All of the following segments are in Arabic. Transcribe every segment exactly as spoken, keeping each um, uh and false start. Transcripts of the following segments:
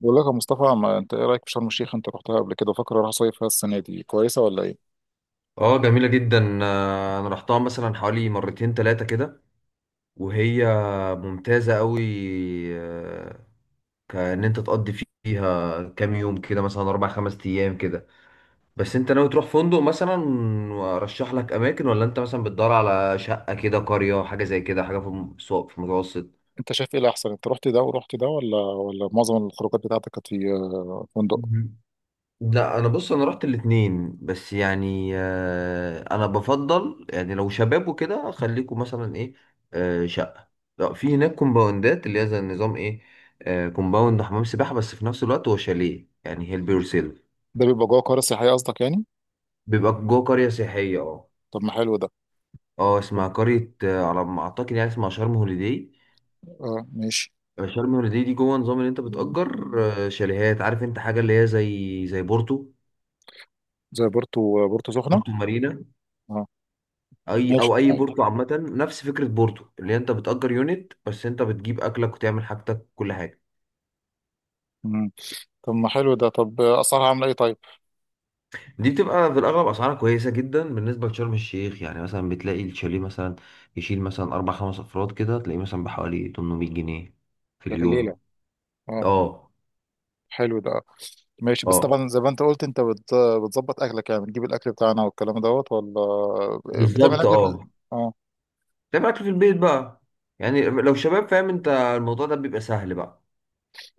بقول لك يا مصطفى، ما انت ايه رايك في شرم الشيخ؟ انت رحتها قبل كده. فاكر اروح صيف فيها السنه دي، كويسه ولا ايه؟ اه جميلة جدا. آه، انا رحتها مثلا حوالي مرتين تلاتة كده وهي ممتازة قوي. آه، كأن انت تقضي فيها كام يوم كده مثلا اربع خمس ايام كده. بس انت ناوي تروح فندق مثلا وارشح لك اماكن، ولا انت مثلا بتدور على شقة كده، قرية، حاجة زي كده، حاجة في الم- في المتوسط؟ انت شايف ايه الاحسن؟ انت رحت ده ورحت ده، ولا ولا معظم الخروجات بتاعتك كانت في آه، فندق؟ لا انا بص، انا رحت الاتنين، بس يعني آه، انا بفضل يعني لو شباب وكده خليكم مثلا ايه، آه، شقه. لا، في هناك كومباوندات اللي هي زي النظام ايه، آه، كومباوند، حمام سباحه، بس في نفس الوقت هو شاليه، يعني هيل بيور سيلف. ده بيبقى جوه قريه سياحيه قصدك يعني؟ بيبقى جوه قريه سياحيه، اه. طب ما حلو ده. اه اسمها طب- قريه آه، على ما اعتقد يعني اسمها شرم هوليداي. اه ماشي. آه، شرم هوليداي دي جوه نظام اللي انت بتأجر آه، شاليهات، عارف انت حاجه اللي هي زي زي بورتو، زي بورتو، آه، بورتو سخنه. بورتو مارينا. اه اي ماشي او اي أيوة. بورتو عامه نفس فكره بورتو، اللي انت بتأجر يونت بس انت بتجيب اكلك وتعمل حاجتك كل حاجه. مم. طب ما حلو ده. طب آه، اسعارها عامله ايه طيب؟ دي بتبقى في الاغلب اسعارها كويسه جدا بالنسبه لشرم الشيخ، يعني مثلا بتلاقي الشاليه مثلا يشيل مثلا اربع خمس افراد كده، تلاقيه مثلا بحوالي تمنمية جنيه في ده في الليله؟ اليوم. اه اه. حلو ده. ماشي، بس اه طبعا زي ما انت قلت انت بت- بتظبط اكلك، يعني بتجيب الاكل بتاعنا والكلام دوت ولا آه، بتعمل بالظبط اكل في. اه. اه تعمل اكل في البيت بقى، يعني لو شباب فاهم انت الموضوع ده بيبقى سهل بقى،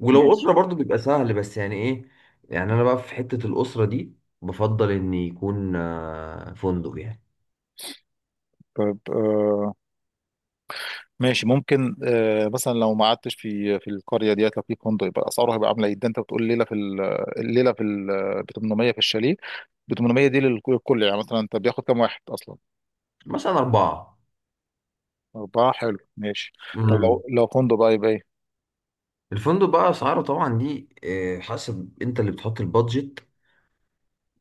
ولو ماشي. أسرة برضو بيبقى سهل، بس يعني إيه، يعني أنا بقى في حتة الأسرة دي بفضل إن يكون آه، فندق يعني. طب آه ماشي، ممكن آه مثلا لو ما قعدتش في في القريه ديت، لو في فندق يبقى اسعاره هيبقى عامله ايه؟ ده انت بتقول ليله في ال- الليله في ال- ب تمنمية في الشاليه. ب تمنمية دي للكل يعني، مثلا انت بياخد كام واحد اصلا؟ مثلا أربعة. اربعه، حلو ماشي. طب امم. لو لو فندق بقى يبقى ايه؟ الفندق بقى أسعاره طبعا دي آه، حسب أنت اللي بتحط البادجت،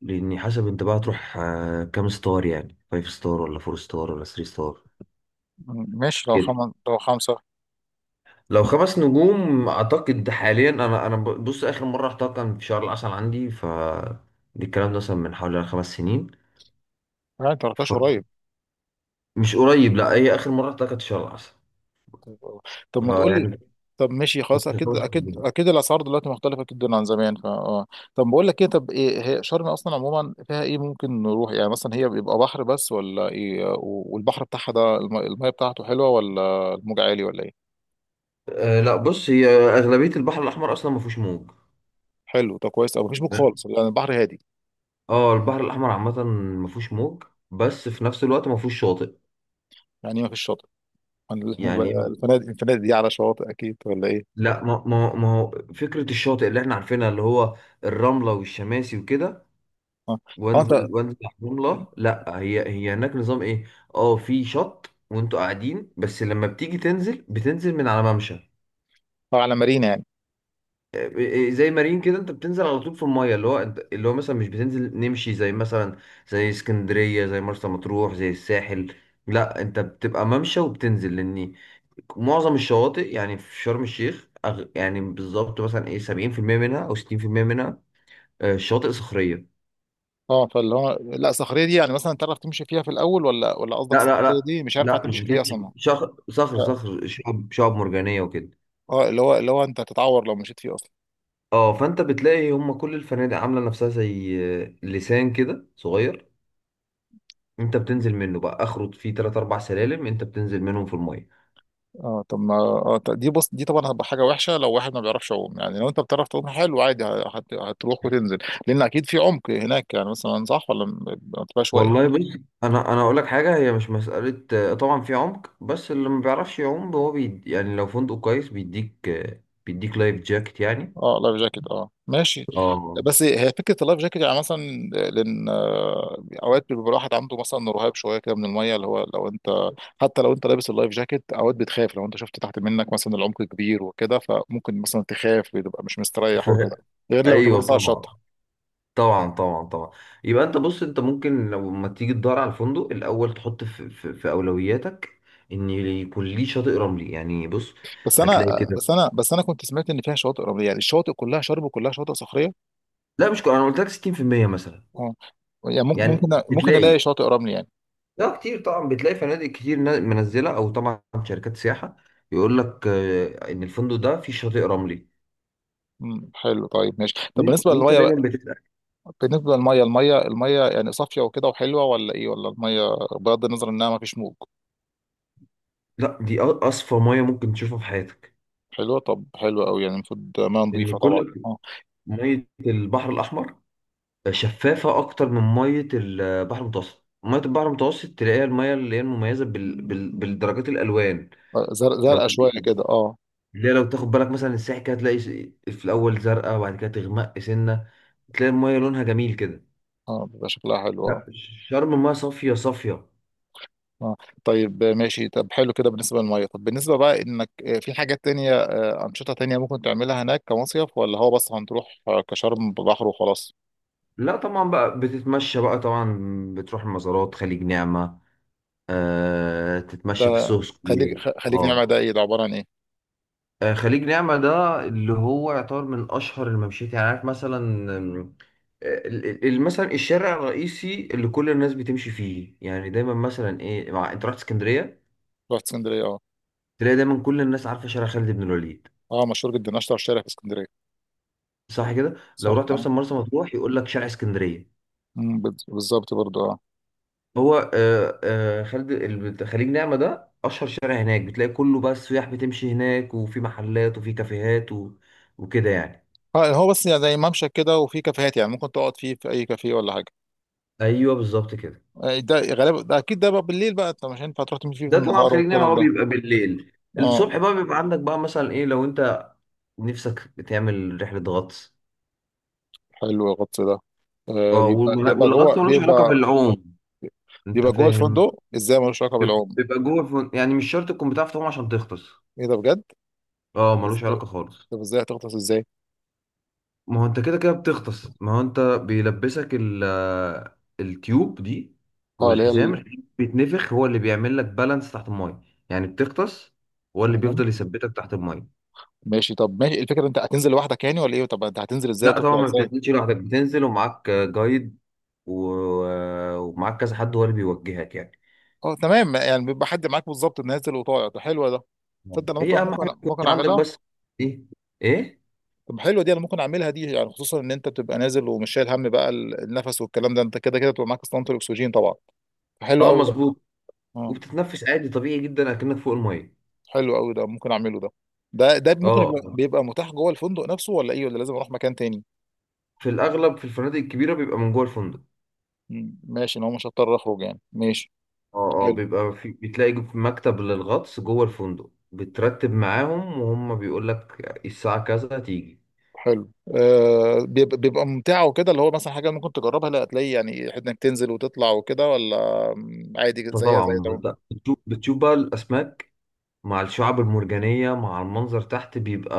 لأن حسب أنت بقى تروح آه، كام ستار، يعني فايف ستار ولا فور ستار ولا ثري ستار ماشي، لو كده. خمس لو خمسه. لو خمس نجوم أعتقد حاليا أنا أنا ب- بص، آخر مرة رحتها كان في شهر العسل عندي، ف دي الكلام ده مثلا من حوالي خمس سنين. يعني انت ما رحتش قريب؟ مش قريب، لا، هي اخر مره طلعت كانت شهر العسل، طب. طب ما آه، تقول لي. يعني. طب ماشي خلاص، كنت اكيد خمس اكيد سنين. اكيد، الاسعار دلوقتي مختلفه جدا عن زمان، فا اه. طب بقول لك ايه، طب ايه هي شرم اصلا عموما فيها ايه ممكن نروح؟ يعني مثلا هي بيبقى بحر بس ولا ايه؟ و- والبحر بتاعها ده، الم- الميه بتاعته حلوه ولا الموج عالي ولا ايه؟ آه لا بص، هي اغلبيه البحر الاحمر اصلا ما فيهوش موج. حلو طب، كويس. او مفيش موج فاهم؟ خالص يعني، البحر هادي. اه البحر الاحمر عامه ما فيهوش موج، بس في نفس الوقت ما فيهوش شاطئ. يعني ما فيش شاطئ يعني يعني إيه؟ الفنادق، الفنادق دي على شواطئ اكيد ولا ايه؟ لا ما ما ما هو فكره الشاطئ اللي احنا عارفينها اللي هو الرمله والشماسي وكده، اه. اه انت آه، وانزل وانزل على الرمله، لا هي هي هناك نظام ايه، اه في شط وانتوا قاعدين، بس لما بتيجي تنزل بتنزل من على ممشى. على مارينا يعني. آه، زي مارين كده، انت بتنزل على طول في المايه، اللي هو انت اللي هو مثلا مش بتنزل نمشي زي مثلا زي اسكندريه، زي مرسى مطروح، زي الساحل. لا انت بتبقى ممشى وبتنزل، لان معظم الشواطئ يعني في شرم الشيخ أغ... يعني بالظبط مثلا ايه سبعين في المية منها او ستين في المية منها آه، شواطئ صخريه. اه فاللي هو، لا صخريه دي يعني مثلا تعرف تمشي فيها في الاول، ولا ولا قصدك لا لا صخريه لا دي مش هينفع لا مش تمشي فيها بتمشي، اصلا؟ شخ... صخر صخر شعب شعب مرجانيه وكده. اه، اللي هو اللي هو انت هتتعور لو مشيت فيه اصلا. اه فانت بتلاقي هم كل الفنادق عامله نفسها زي آه، لسان كده صغير، انت بتنزل منه بقى، اخره فيه تلات اربع سلالم انت بتنزل منهم في الميه. اه طب ما اه ط- دي بص، دي طبعا هتبقى حاجه وحشه لو واحد ما بيعرفش يعوم. يعني لو انت بتعرف تعوم حلو عادي، ه- هت... هتروح وتنزل. لان اكيد في عمق هناك يعني، مثلا صح ولا م- ما تبقاش واقف. والله بص، انا انا اقول لك حاجه، هي مش مساله آه، طبعا في عمق، بس اللي ما بيعرفش يعوم هو بي يعني لو فندق كويس بيديك آه، بيديك لايف جاكيت يعني. اه لايف جاكيت، اه ماشي. اه بس هي فكره اللايف جاكيت يعني مثلا، لان آه، اوقات بيبقى الواحد عنده مثلا رهاب شويه كده من الميه. اللي هو لو انت، حتى لو انت لابس اللايف جاكيت، اوقات بتخاف. لو انت شفت تحت منك مثلا العمق كبير وكده، فممكن مثلا تخاف، بتبقى مش مستريح ف... وكده، غير لما تبقى ايوه لسه على الشط. طبعا. طبعا طبعا طبعا يبقى انت بص، انت ممكن لما تيجي تدور على الفندق الاول تحط في, في, في اولوياتك ان يكون ليه شاطئ رملي، يعني بص بس انا هتلاقي كده. بس انا بس انا كنت سمعت ان فيها شواطئ رمليه، يعني الشواطئ كلها شرب وكلها شواطئ صخريه؟ لا مش كو- انا قلت لك ستين في المية مثلا، اه. يعني ممكن يعني ممكن ممكن بتلاقي، الاقي شاطئ رملي يعني. لا كتير طبعا، بتلاقي فنادق كتير نا- منزله او طبعا شركات سياحه يقول لك آه، ان الفندق ده فيه شاطئ رملي، امم حلو، طيب ماشي. طب وإن- بالنسبه وانت للميه بقى، دايما بتتاكد. بالنسبه للميه، الميه الميه يعني صافيه وكده وحلوه ولا ايه؟ ولا الميه بغض النظر انها ما فيش موج. لا دي أ- اصفى ميه ممكن تشوفها في حياتك، حلوه؟ طب حلوه قوي يعني، المفروض ميه نظيفه لان طبعا كل اه. ميه البحر الاحمر شفافه اكتر من ميه البحر المتوسط. ميه البحر المتوسط تلاقيها الميه اللي هي المميزه بال... بال... بالدرجات الالوان. زرق- لو زرقاء شويه كده اه. لا لو تاخد بالك مثلا الساحل كده، هتلاقي في الاول زرقاء وبعد كده تغمق سنه، تلاقي الميه لونها جميل كده. اه بيبقى شكلها حلو آه. لا، شرم المايه صافية صافية. اه طيب ماشي. طب حلو كده بالنسبة للمية. طب بالنسبة بقى انك آه، في حاجات تانية، آه، أنشطة تانية ممكن تعملها هناك كمصيف، ولا هو بس هنروح آه، كشرم بحر وخلاص؟ لا طبعا بقى بتتمشى بقى طبعا، بتروح المزارات، خليج نعمة، آه تتمشى في ده السوق خليج، سكوير، خ- خليج نعمة اه. ده ايه؟ ده عبارة عن ايه؟ آه، خليج نعمة ده اللي هو يعتبر من أشهر الممشيات، يعني عارف مثلا، آم، آه، ال- ال- ال- مثلا الشارع الرئيسي اللي كل الناس بتمشي فيه، يعني دايما مثلا ايه، مع انت رحت اسكندرية، رحت اسكندرية اه. تلاقي دايما كل الناس عارفة شارع خالد بن الوليد. اه مشهور جدا، اشطر شارع في اسكندرية. صح كده؟ لو صح رحت اه. مثلا مرسى مطروح يقول لك شارع اسكندرية. أمم، بال- بالظبط برضو اه. هو آه، آه، خالد الب- خليج نعمة ده أشهر شارع هناك، بتلاقي كله بقى السياح بتمشي هناك، وفي محلات وفي كافيهات و... وكده يعني. آه، هو بس يعني زي ممشى كده وفي كافيهات. يعني ممكن تقعد فيه في اي كافيه ولا حاجة؟ ايوه بالظبط كده. آه، ده غالبا ده اكيد ده بقى بالليل بقى؟ انت مش هينفع تروح تمشي فيه في ده طبعا النهار خليج نعمة والكلام هو ده؟ بيبقى بالليل، الصبح اه بقى بيبقى عندك بقى مثلا إيه لو أنت نفسك تعمل رحلة غطس. حلو، الغطس ده آه، اه بيبقى والم- بيبقى والغطس جوه ملوش علاقة بيبقى؟ بالعوم، أنت يبقى جوه فاهم. الفندق ازاي؟ ملوش علاقه بالعوم؟ بيبقى جوه فن... يعني مش شرط تكون بتعرف تعوم عشان تغطس. ايه ده بجد؟ اه طب ملوش إز- علاقة خالص. طب ازاي هتغطس ازاي؟ ما هو انت كده كده بتغطس، ما هو انت بيلبسك ال التيوب دي، اه اللي هي والحزام ال- الحزام بيتنفخ هو اللي بيعمل لك بالانس تحت المايه، يعني بتغطس، هو اللي تمام. بيفضل يثبتك تحت المايه. ماشي طب، ماشي إيه الفكره؟ انت هتنزل لوحدك يعني ولا ايه؟ طب انت هتنزل ازاي لا طبعا وتطلع ما ازاي؟ بتنزلش لوحدك، بتنزل ومعاك جايد و- ومعاك كذا حد، هو اللي بيوجهك يعني. اه تمام، يعني بيبقى حد معاك بالظبط نازل وطالع. ده حلوه ده، تصدق انا ممكن هي اهم حاجه ممكن ممكن يكون عندك اعملها. بس، ايه، ايه. طب حلوه دي، انا ممكن اعملها دي يعني، خصوصا ان انت بتبقى نازل ومش شايل هم بقى ال- النفس والكلام ده. انت كده كده بتبقى معاك اسطوانه الاكسجين طبعا. حلو اه قوي ده. مظبوط، اه. وبتتنفس عادي طبيعي جدا اكنك فوق المايه. حلو قوي ده، ممكن اعمله ده. ده ده ممكن يبقى، اه بيبقى متاح جوه الفندق نفسه ولا ايه، ولا لازم اروح مكان تاني؟ في الاغلب في الفنادق الكبيره بيبقى من جوه الفندق. مم. ماشي، ان هو مش هضطر اخرج يعني، ماشي. اه اه حلو. بيبقى في، بتلاقي في مكتب للغطس جوه الفندق، بترتب معاهم وهم بيقول لك الساعة كذا تيجي. حلو آه، بيبقى بيبقى ممتعه وكده، اللي هو مثلا حاجه ممكن تجربها؟ لا هتلاقي يعني انك تنزل وتطلع وكده ولا؟ مم، عادي زيها فطبعا زي ما ده. انت بتشوف، بتشوف بقى الأسماك مع الشعاب المرجانية مع المنظر تحت، بيبقى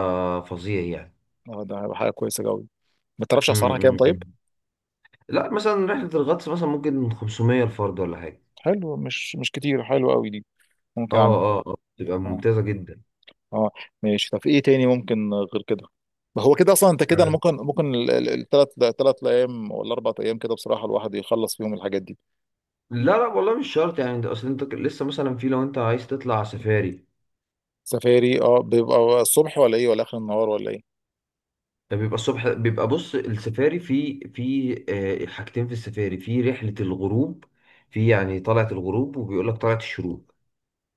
فظيع يعني. اه ده هيبقى حاجه كويسه قوي. ما تعرفش م- اسعارها م- كام طيب؟ م. لا مثلا رحلة الغطس مثلا ممكن من خمسمية الفرد ولا حاجة. حلو، مش مش كتير. حلو قوي دي، اه. ممكن اعمل. اه اه بتبقى اه. ممتازة جدا. اه ماشي. طب ايه تاني ممكن غير كده؟ ما هو كده اصلا انت كده، انا ممكن ممكن الثلاث، ثلاث ايام ولا اربع ايام كده بصراحه الواحد يخلص فيهم الحاجات دي. لا لا والله مش شرط يعني، انت اصل انت لسه مثلا في، لو انت عايز تطلع سفاري، سفاري اه. بيبقى الصبح ولا ايه، ولا اخر النهار ولا ايه؟ ده بيبقى الصبح، بيبقى بص السفاري في في آه، حاجتين في السفاري، في رحلة الغروب، في يعني طلعة الغروب، وبيقول لك طلعة الشروق.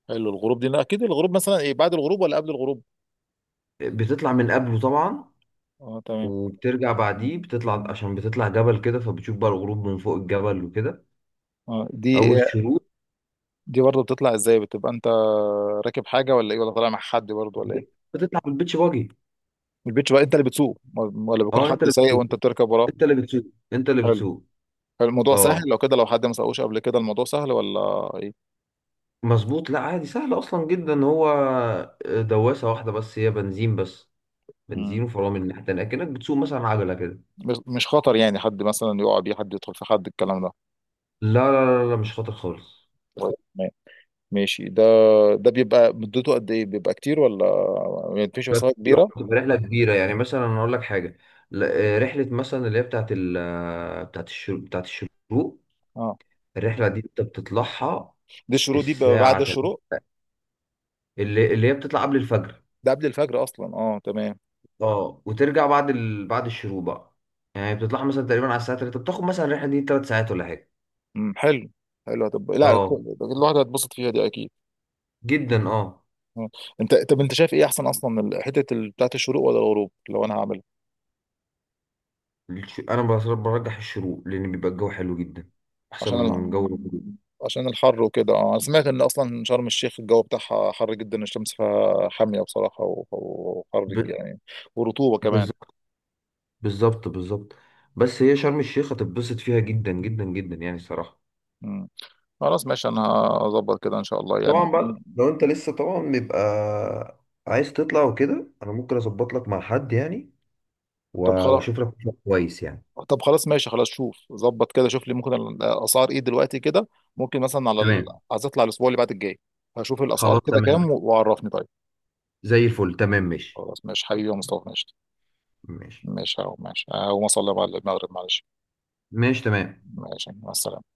حلو، الغروب دي اكيد. الغروب مثلا ايه، بعد الغروب ولا قبل الغروب؟ بتطلع من قبله طبعا، اه تمام. وبترجع بعديه، بتطلع عشان بتطلع جبل كده، فبتشوف بقى الغروب من فوق الجبل وكده، اه او دي، الشروق. دي برضه بتطلع ازاي؟ بتبقى انت راكب حاجه ولا ايه، ولا طالع مع حد برضه ولا ايه؟ بتطلع بالبيتش باجي. البيتش، بقى انت اللي بتسوق ولا بيكون اه حد انت اللي سايق بتسوق وانت بتركب وراه؟ انت اللي بتسوق انت اللي حلو. بتسوق. حلو، الموضوع سهل اه لو كده؟ لو حد ما سوقوش قبل كده الموضوع سهل ولا ايه؟ مظبوط، لا عادي سهل اصلا جدا هو، آه، دواسة واحدة بس، هي بنزين بس، بنزين، مم. وفرامل الناحية التانية، كأنك بتسوق مثلا عجلة كده. مش مش خطر يعني، حد مثلا يقع بيه، حد يدخل في حد الكلام ده؟ لا لا لا لا، مش خاطر خالص. طيب، تمام. ماشي ده. ده بيبقى مدته قد ايه؟ بيبقى كتير ولا مفيش بتبقى مسافه كتير أوي، كبيره؟ بتبقى رحلة كبيرة، يعني مثلا أنا أقول لك حاجة، لا، آه، رحلة مثلا اللي هي بتاعت ال آه، بتاعت الشروق، بتاعت الشروق اه الرحلة دي أنت بتطلعها دي الشروق، دي بيبقى بعد الساعة تل- الشروق؟ اللي اللي هي بتطلع قبل الفجر، ده قبل الفجر اصلا، اه تمام. أه وترجع بعد ال... بعد الشروق بقى، يعني بتطلعها مثلا تقريبا على الساعة تلاتة، بتاخد مثلا الرحلة دي 3 ساعات ولا حاجة. مم، حلو. حلو طب، لا أه الواحد هيتبسط فيها دي اكيد. جدا أه. آه. انت طب انت شايف ايه احسن اصلا، ال- حته ال- بتاعت الشروق ولا الغروب لو انا هعملها؟ الش- أنا بصراحة برجح الشروق، لأن بيبقى الجو حلو جدا، أحسن عشان ال... من جو الغروب. عشان الحر وكده اه. انا سمعت ان اصلا شرم الشيخ الجو بتاعها حر جدا، الشمس فيها حاميه بصراحه، و- و- وحر يعني ورطوبه ب... كمان. بالظبط بالظبط، بس هي شرم الشيخ هتتبسط فيها جدا جدا جدا يعني الصراحة. مم. خلاص ماشي، انا هظبط كده ان شاء الله يعني. طبعا بقى لو انت لسه طبعا بيبقى عايز تطلع وكده، انا ممكن اظبط لك مع حد يعني، طب خلاص، واشوف لك مكان كويس يعني. طب خلاص ماشي خلاص، شوف ظبط كده، شوف لي ممكن الاسعار ايه دلوقتي كده، ممكن مثلا على ال... تمام، عايز اطلع الاسبوع اللي بعد الجاي، هشوف الاسعار خلاص كده تمام، كام، و- وعرفني طيب. زي الفل، تمام ماشي، خلاص ماشي حبيبي يا مصطفى، ماشي. ماشي ماشي اهو، ماشي اهو، ما صلي على المغرب معلش. ماشي تمام. ماشي مع السلامه.